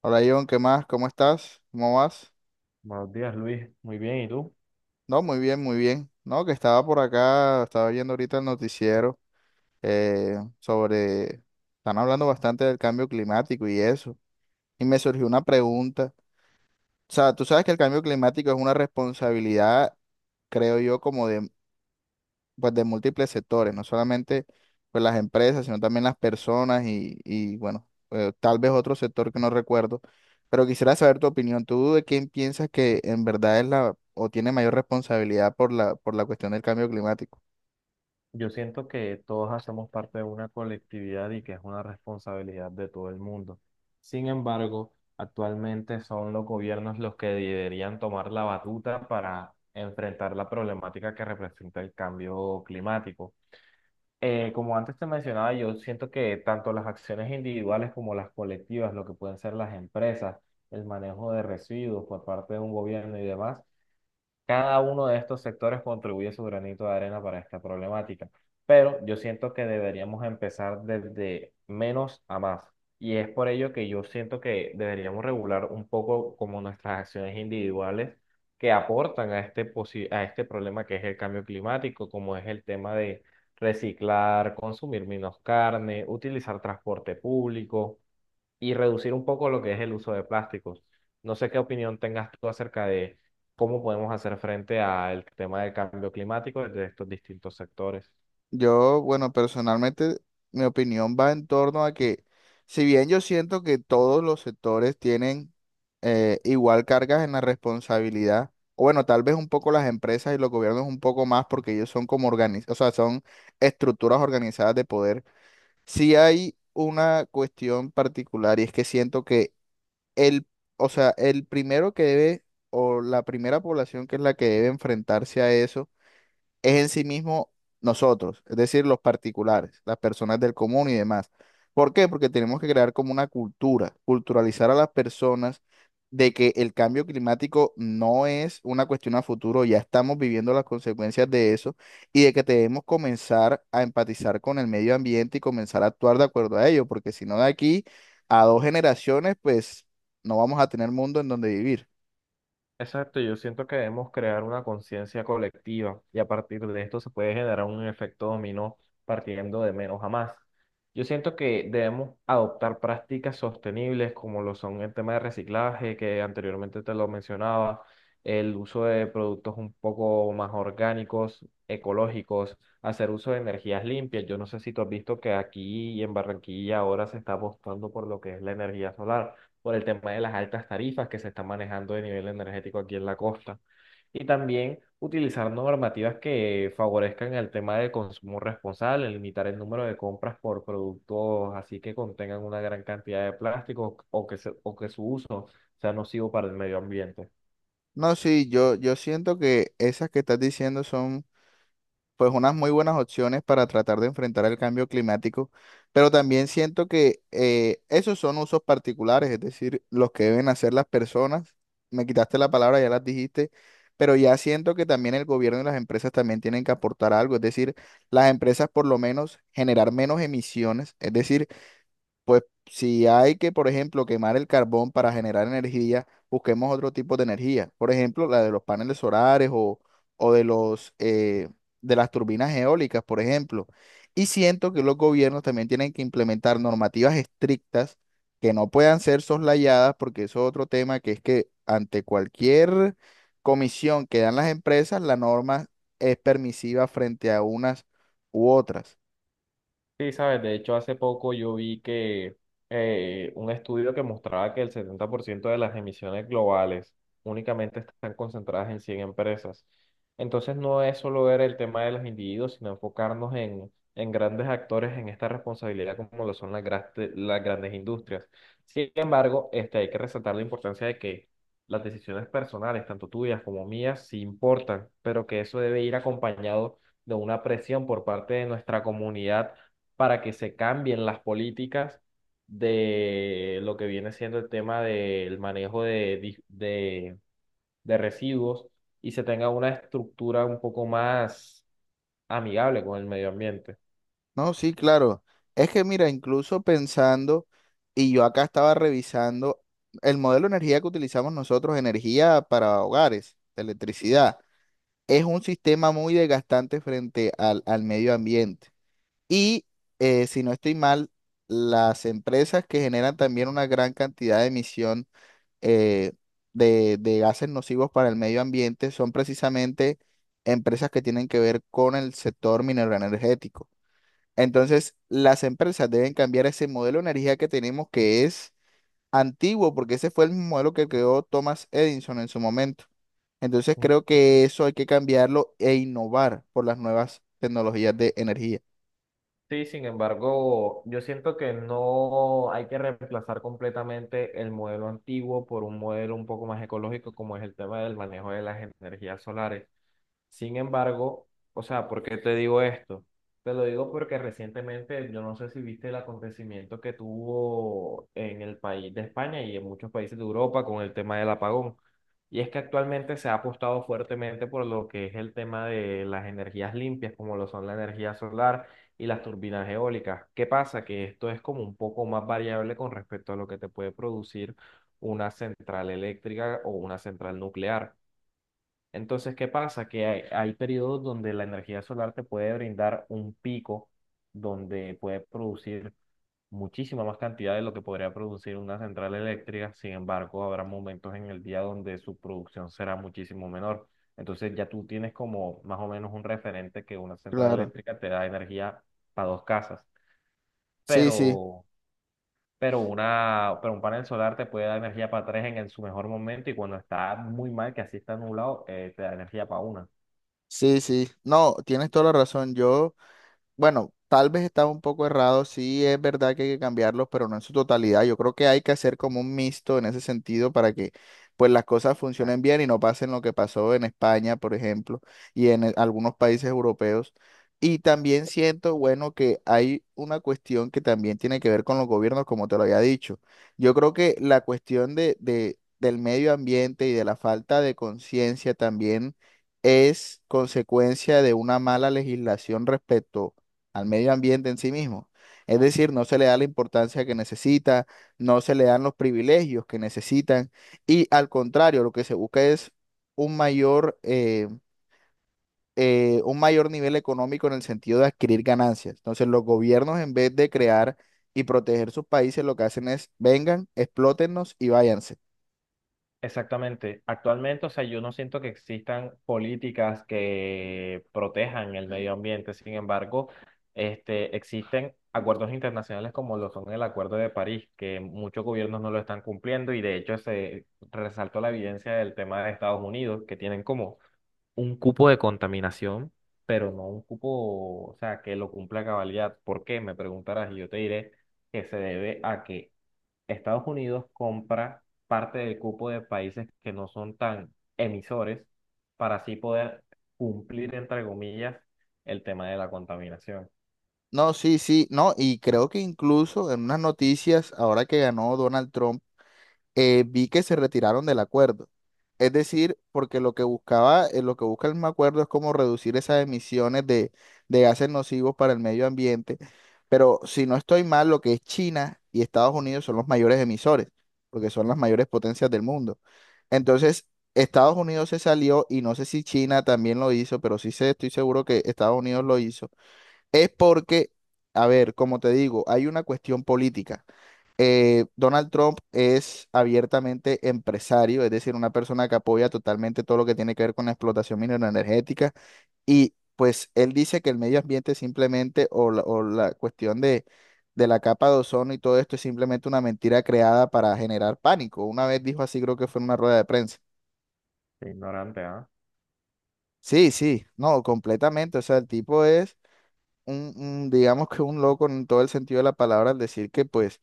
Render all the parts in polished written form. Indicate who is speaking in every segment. Speaker 1: Hola John, ¿qué más? ¿Cómo estás? ¿Cómo vas?
Speaker 2: Buenos días, Luis. Muy bien, ¿y tú?
Speaker 1: No, muy bien, muy bien. No, que estaba por acá, estaba viendo ahorita el noticiero eh, sobre, están hablando bastante del cambio climático y eso. Y me surgió una pregunta. O sea, tú sabes que el cambio climático es una responsabilidad, creo yo, como de pues de múltiples sectores, no solamente pues las empresas, sino también las personas y bueno, tal vez otro sector que no recuerdo, pero quisiera saber tu opinión. ¿Tú de quién piensas que en verdad es la o tiene mayor responsabilidad por la cuestión del cambio climático?
Speaker 2: Yo siento que todos hacemos parte de una colectividad y que es una responsabilidad de todo el mundo. Sin embargo, actualmente son los gobiernos los que deberían tomar la batuta para enfrentar la problemática que representa el cambio climático. Como antes te mencionaba, yo siento que tanto las acciones individuales como las colectivas, lo que pueden ser las empresas, el manejo de residuos por parte de un gobierno y demás, cada uno de estos sectores contribuye su granito de arena para esta problemática, pero yo siento que deberíamos empezar desde menos a más. Y es por ello que yo siento que deberíamos regular un poco como nuestras acciones individuales que aportan a a este problema que es el cambio climático, como es el tema de reciclar, consumir menos carne, utilizar transporte público y reducir un poco lo que es el uso de plásticos. No sé qué opinión tengas tú acerca de cómo podemos hacer frente al tema del cambio climático desde estos distintos sectores.
Speaker 1: Yo, bueno, personalmente mi opinión va en torno a que si bien yo siento que todos los sectores tienen igual cargas en la responsabilidad, o bueno, tal vez un poco las empresas y los gobiernos un poco más porque ellos son como o sea, son estructuras organizadas de poder. Sí hay una cuestión particular y es que siento que el, o sea, el primero que debe o la primera población que es la que debe enfrentarse a eso es en sí mismo nosotros, es decir, los particulares, las personas del común y demás. ¿Por qué? Porque tenemos que crear como una cultura, culturalizar a las personas de que el cambio climático no es una cuestión a futuro, ya estamos viviendo las consecuencias de eso y de que debemos comenzar a empatizar con el medio ambiente y comenzar a actuar de acuerdo a ello, porque si no de aquí a dos generaciones, pues no vamos a tener mundo en donde vivir.
Speaker 2: Exacto, yo siento que debemos crear una conciencia colectiva y a partir de esto se puede generar un efecto dominó partiendo de menos a más. Yo siento que debemos adoptar prácticas sostenibles como lo son el tema de reciclaje, que anteriormente te lo mencionaba, el uso de productos un poco más orgánicos, ecológicos, hacer uso de energías limpias. Yo no sé si tú has visto que aquí en Barranquilla ahora se está apostando por lo que es la energía solar por el tema de las altas tarifas que se están manejando de nivel energético aquí en la costa. Y también utilizar normativas que favorezcan el tema del consumo responsable, limitar el número de compras por productos así que contengan una gran cantidad de plástico o o que su uso sea nocivo para el medio ambiente.
Speaker 1: No, sí, yo siento que esas que estás diciendo son pues unas muy buenas opciones para tratar de enfrentar el cambio climático, pero también siento que esos son usos particulares, es decir, los que deben hacer las personas. Me quitaste la palabra, ya las dijiste, pero ya siento que también el gobierno y las empresas también tienen que aportar algo, es decir, las empresas por lo menos generar menos emisiones, es decir, pues si hay que, por ejemplo, quemar el carbón para generar energía, busquemos otro tipo de energía. Por ejemplo, la de los paneles solares o, o de los, eh, de las turbinas eólicas, por ejemplo. Y siento que los gobiernos también tienen que implementar normativas estrictas que no puedan ser soslayadas, porque eso es otro tema que es que ante cualquier comisión que dan las empresas, la norma es permisiva frente a unas u otras.
Speaker 2: Sí, sabes, de hecho hace poco yo vi que un estudio que mostraba que el 70% de las emisiones globales únicamente están concentradas en 100 empresas. Entonces no es solo ver el tema de los individuos, sino enfocarnos en grandes actores en esta responsabilidad como lo son las grandes industrias. Sin embargo, este, hay que resaltar la importancia de que las decisiones personales, tanto tuyas como mías, sí importan, pero que eso debe ir acompañado de una presión por parte de nuestra comunidad para que se cambien las políticas de lo que viene siendo el tema del manejo de residuos y se tenga una estructura un poco más amigable con el medio ambiente.
Speaker 1: No, sí, claro. Es que mira, incluso pensando, y yo acá estaba revisando el modelo de energía que utilizamos nosotros, energía para hogares, electricidad, es un sistema muy desgastante frente al medio ambiente. Y si no estoy mal, las empresas que generan también una gran cantidad de emisión eh, de gases nocivos para el medio ambiente son precisamente empresas que tienen que ver con el sector minero energético. Entonces, las empresas deben cambiar ese modelo de energía que tenemos que es antiguo, porque ese fue el mismo modelo que creó Thomas Edison en su momento. Entonces, creo que eso hay que cambiarlo e innovar por las nuevas tecnologías de energía.
Speaker 2: Sí, sin embargo, yo siento que no hay que reemplazar completamente el modelo antiguo por un modelo un poco más ecológico como es el tema del manejo de las energías solares. Sin embargo, o sea, ¿por qué te digo esto? Te lo digo porque recientemente, yo no sé si viste el acontecimiento que tuvo en el país de España y en muchos países de Europa con el tema del apagón. Y es que actualmente se ha apostado fuertemente por lo que es el tema de las energías limpias, como lo son la energía solar y las turbinas eólicas. ¿Qué pasa? Que esto es como un poco más variable con respecto a lo que te puede producir una central eléctrica o una central nuclear. Entonces, ¿qué pasa? Que hay periodos donde la energía solar te puede brindar un pico donde puede producir muchísima más cantidad de lo que podría producir una central eléctrica. Sin embargo, habrá momentos en el día donde su producción será muchísimo menor. Entonces, ya tú tienes como más o menos un referente que una central
Speaker 1: Claro.
Speaker 2: eléctrica te da energía para 2 casas,
Speaker 1: Sí, sí,
Speaker 2: pero, pero un panel solar te puede dar energía para tres en su mejor momento y cuando está muy mal, que así está nublado, te da energía para una.
Speaker 1: sí. No, tienes toda la razón. Yo bueno, tal vez estaba un poco errado, sí es verdad que hay que cambiarlos, pero no en su totalidad. Yo creo que hay que hacer como un mixto en ese sentido para que pues las cosas funcionen bien y no pasen lo que pasó en España, por ejemplo, y en algunos países europeos. Y también siento, bueno, que hay una cuestión que también tiene que ver con los gobiernos, como te lo había dicho. Yo creo que la cuestión del medio ambiente y de la falta de conciencia también es consecuencia de una mala legislación respecto al medio ambiente en sí mismo. Es decir, no se le da la importancia que necesita, no se le dan los privilegios que necesitan y al contrario, lo que se busca es un un mayor nivel económico en el sentido de adquirir ganancias. Entonces, los gobiernos en vez de crear y proteger sus países, lo que hacen es vengan, explótennos y váyanse.
Speaker 2: Exactamente. Actualmente, o sea, yo no siento que existan políticas que protejan el medio ambiente. Sin embargo, este, existen acuerdos internacionales como lo son el Acuerdo de París, que muchos gobiernos no lo están cumpliendo y de hecho se resaltó la evidencia del tema de Estados Unidos, que tienen como un cupo de contaminación, pero no un cupo, o sea, que lo cumpla a cabalidad. ¿Por qué? Me preguntarás y yo te diré que se debe a que Estados Unidos compra parte del cupo de países que no son tan emisores para así poder cumplir, entre comillas, el tema de la contaminación.
Speaker 1: No, sí, sí, no, y creo que incluso en unas noticias, ahora que ganó Donald Trump, vi que se retiraron del acuerdo. Es decir, porque lo que lo que busca el acuerdo es como reducir esas emisiones de gases nocivos para el medio ambiente. Pero si no estoy mal, lo que es China y Estados Unidos son los mayores emisores, porque son las mayores potencias del mundo. Entonces, Estados Unidos se salió y no sé si China también lo hizo, pero sí sé, estoy seguro que Estados Unidos lo hizo. Es porque, a ver, como te digo, hay una cuestión política Donald Trump es abiertamente empresario, es decir, una persona que apoya totalmente todo lo que tiene que ver con la explotación minera energética y pues él dice que el medio ambiente simplemente o o la cuestión de la capa de ozono y todo esto es simplemente una mentira creada para generar pánico. Una vez dijo así, creo que fue en una rueda de prensa.
Speaker 2: Qué ignorante, ¿ah?
Speaker 1: Sí, sí, no, completamente. O sea, el tipo es digamos que un loco en todo el sentido de la palabra al decir que pues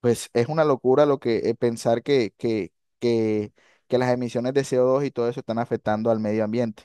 Speaker 1: pues es una locura lo que pensar que, que las emisiones de CO2 y todo eso están afectando al medio ambiente.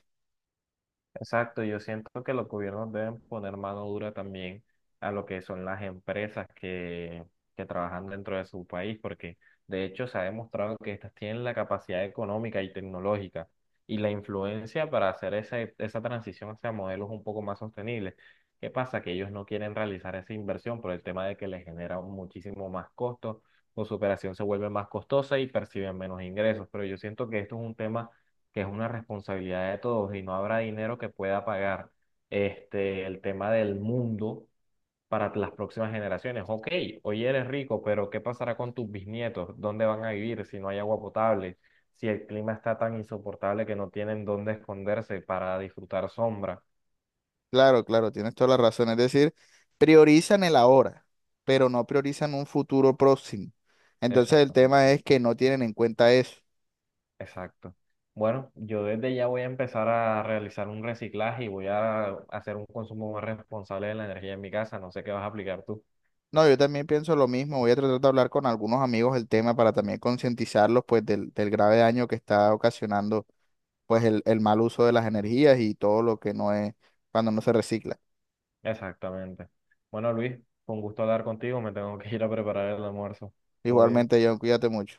Speaker 2: Exacto, yo siento que los gobiernos deben poner mano dura también a lo que son las empresas que trabajan dentro de su país, porque de hecho se ha demostrado que estas tienen la capacidad económica y tecnológica y la influencia para hacer esa transición hacia modelos un poco más sostenibles. ¿Qué pasa? Que ellos no quieren realizar esa inversión por el tema de que les genera muchísimo más costo, o su operación se vuelve más costosa y perciben menos ingresos, pero yo siento que esto es un tema que es una responsabilidad de todos y no habrá dinero que pueda pagar este, el tema del mundo para las próximas generaciones. Ok, hoy eres rico, pero ¿qué pasará con tus bisnietos? ¿Dónde van a vivir si no hay agua potable? Si el clima está tan insoportable que no tienen dónde esconderse para disfrutar sombra.
Speaker 1: Claro, claro, tienes toda la razón. Es decir, priorizan el ahora, pero no priorizan un futuro próximo. Entonces el tema
Speaker 2: Exactamente,
Speaker 1: es que no tienen en cuenta eso.
Speaker 2: exacto. Bueno, yo desde ya voy a empezar a realizar un reciclaje y voy a hacer un consumo más responsable de la energía en mi casa. No sé qué vas a aplicar tú.
Speaker 1: No, yo también pienso lo mismo. Voy a tratar de hablar con algunos amigos del tema para también concientizarlos pues del grave daño que está ocasionando pues el mal uso de las energías y todo lo que no es cuando no se recicla.
Speaker 2: Exactamente. Bueno, Luis, con gusto hablar contigo. Me tengo que ir a preparar el almuerzo. Todo bien.
Speaker 1: Igualmente, John, cuídate mucho.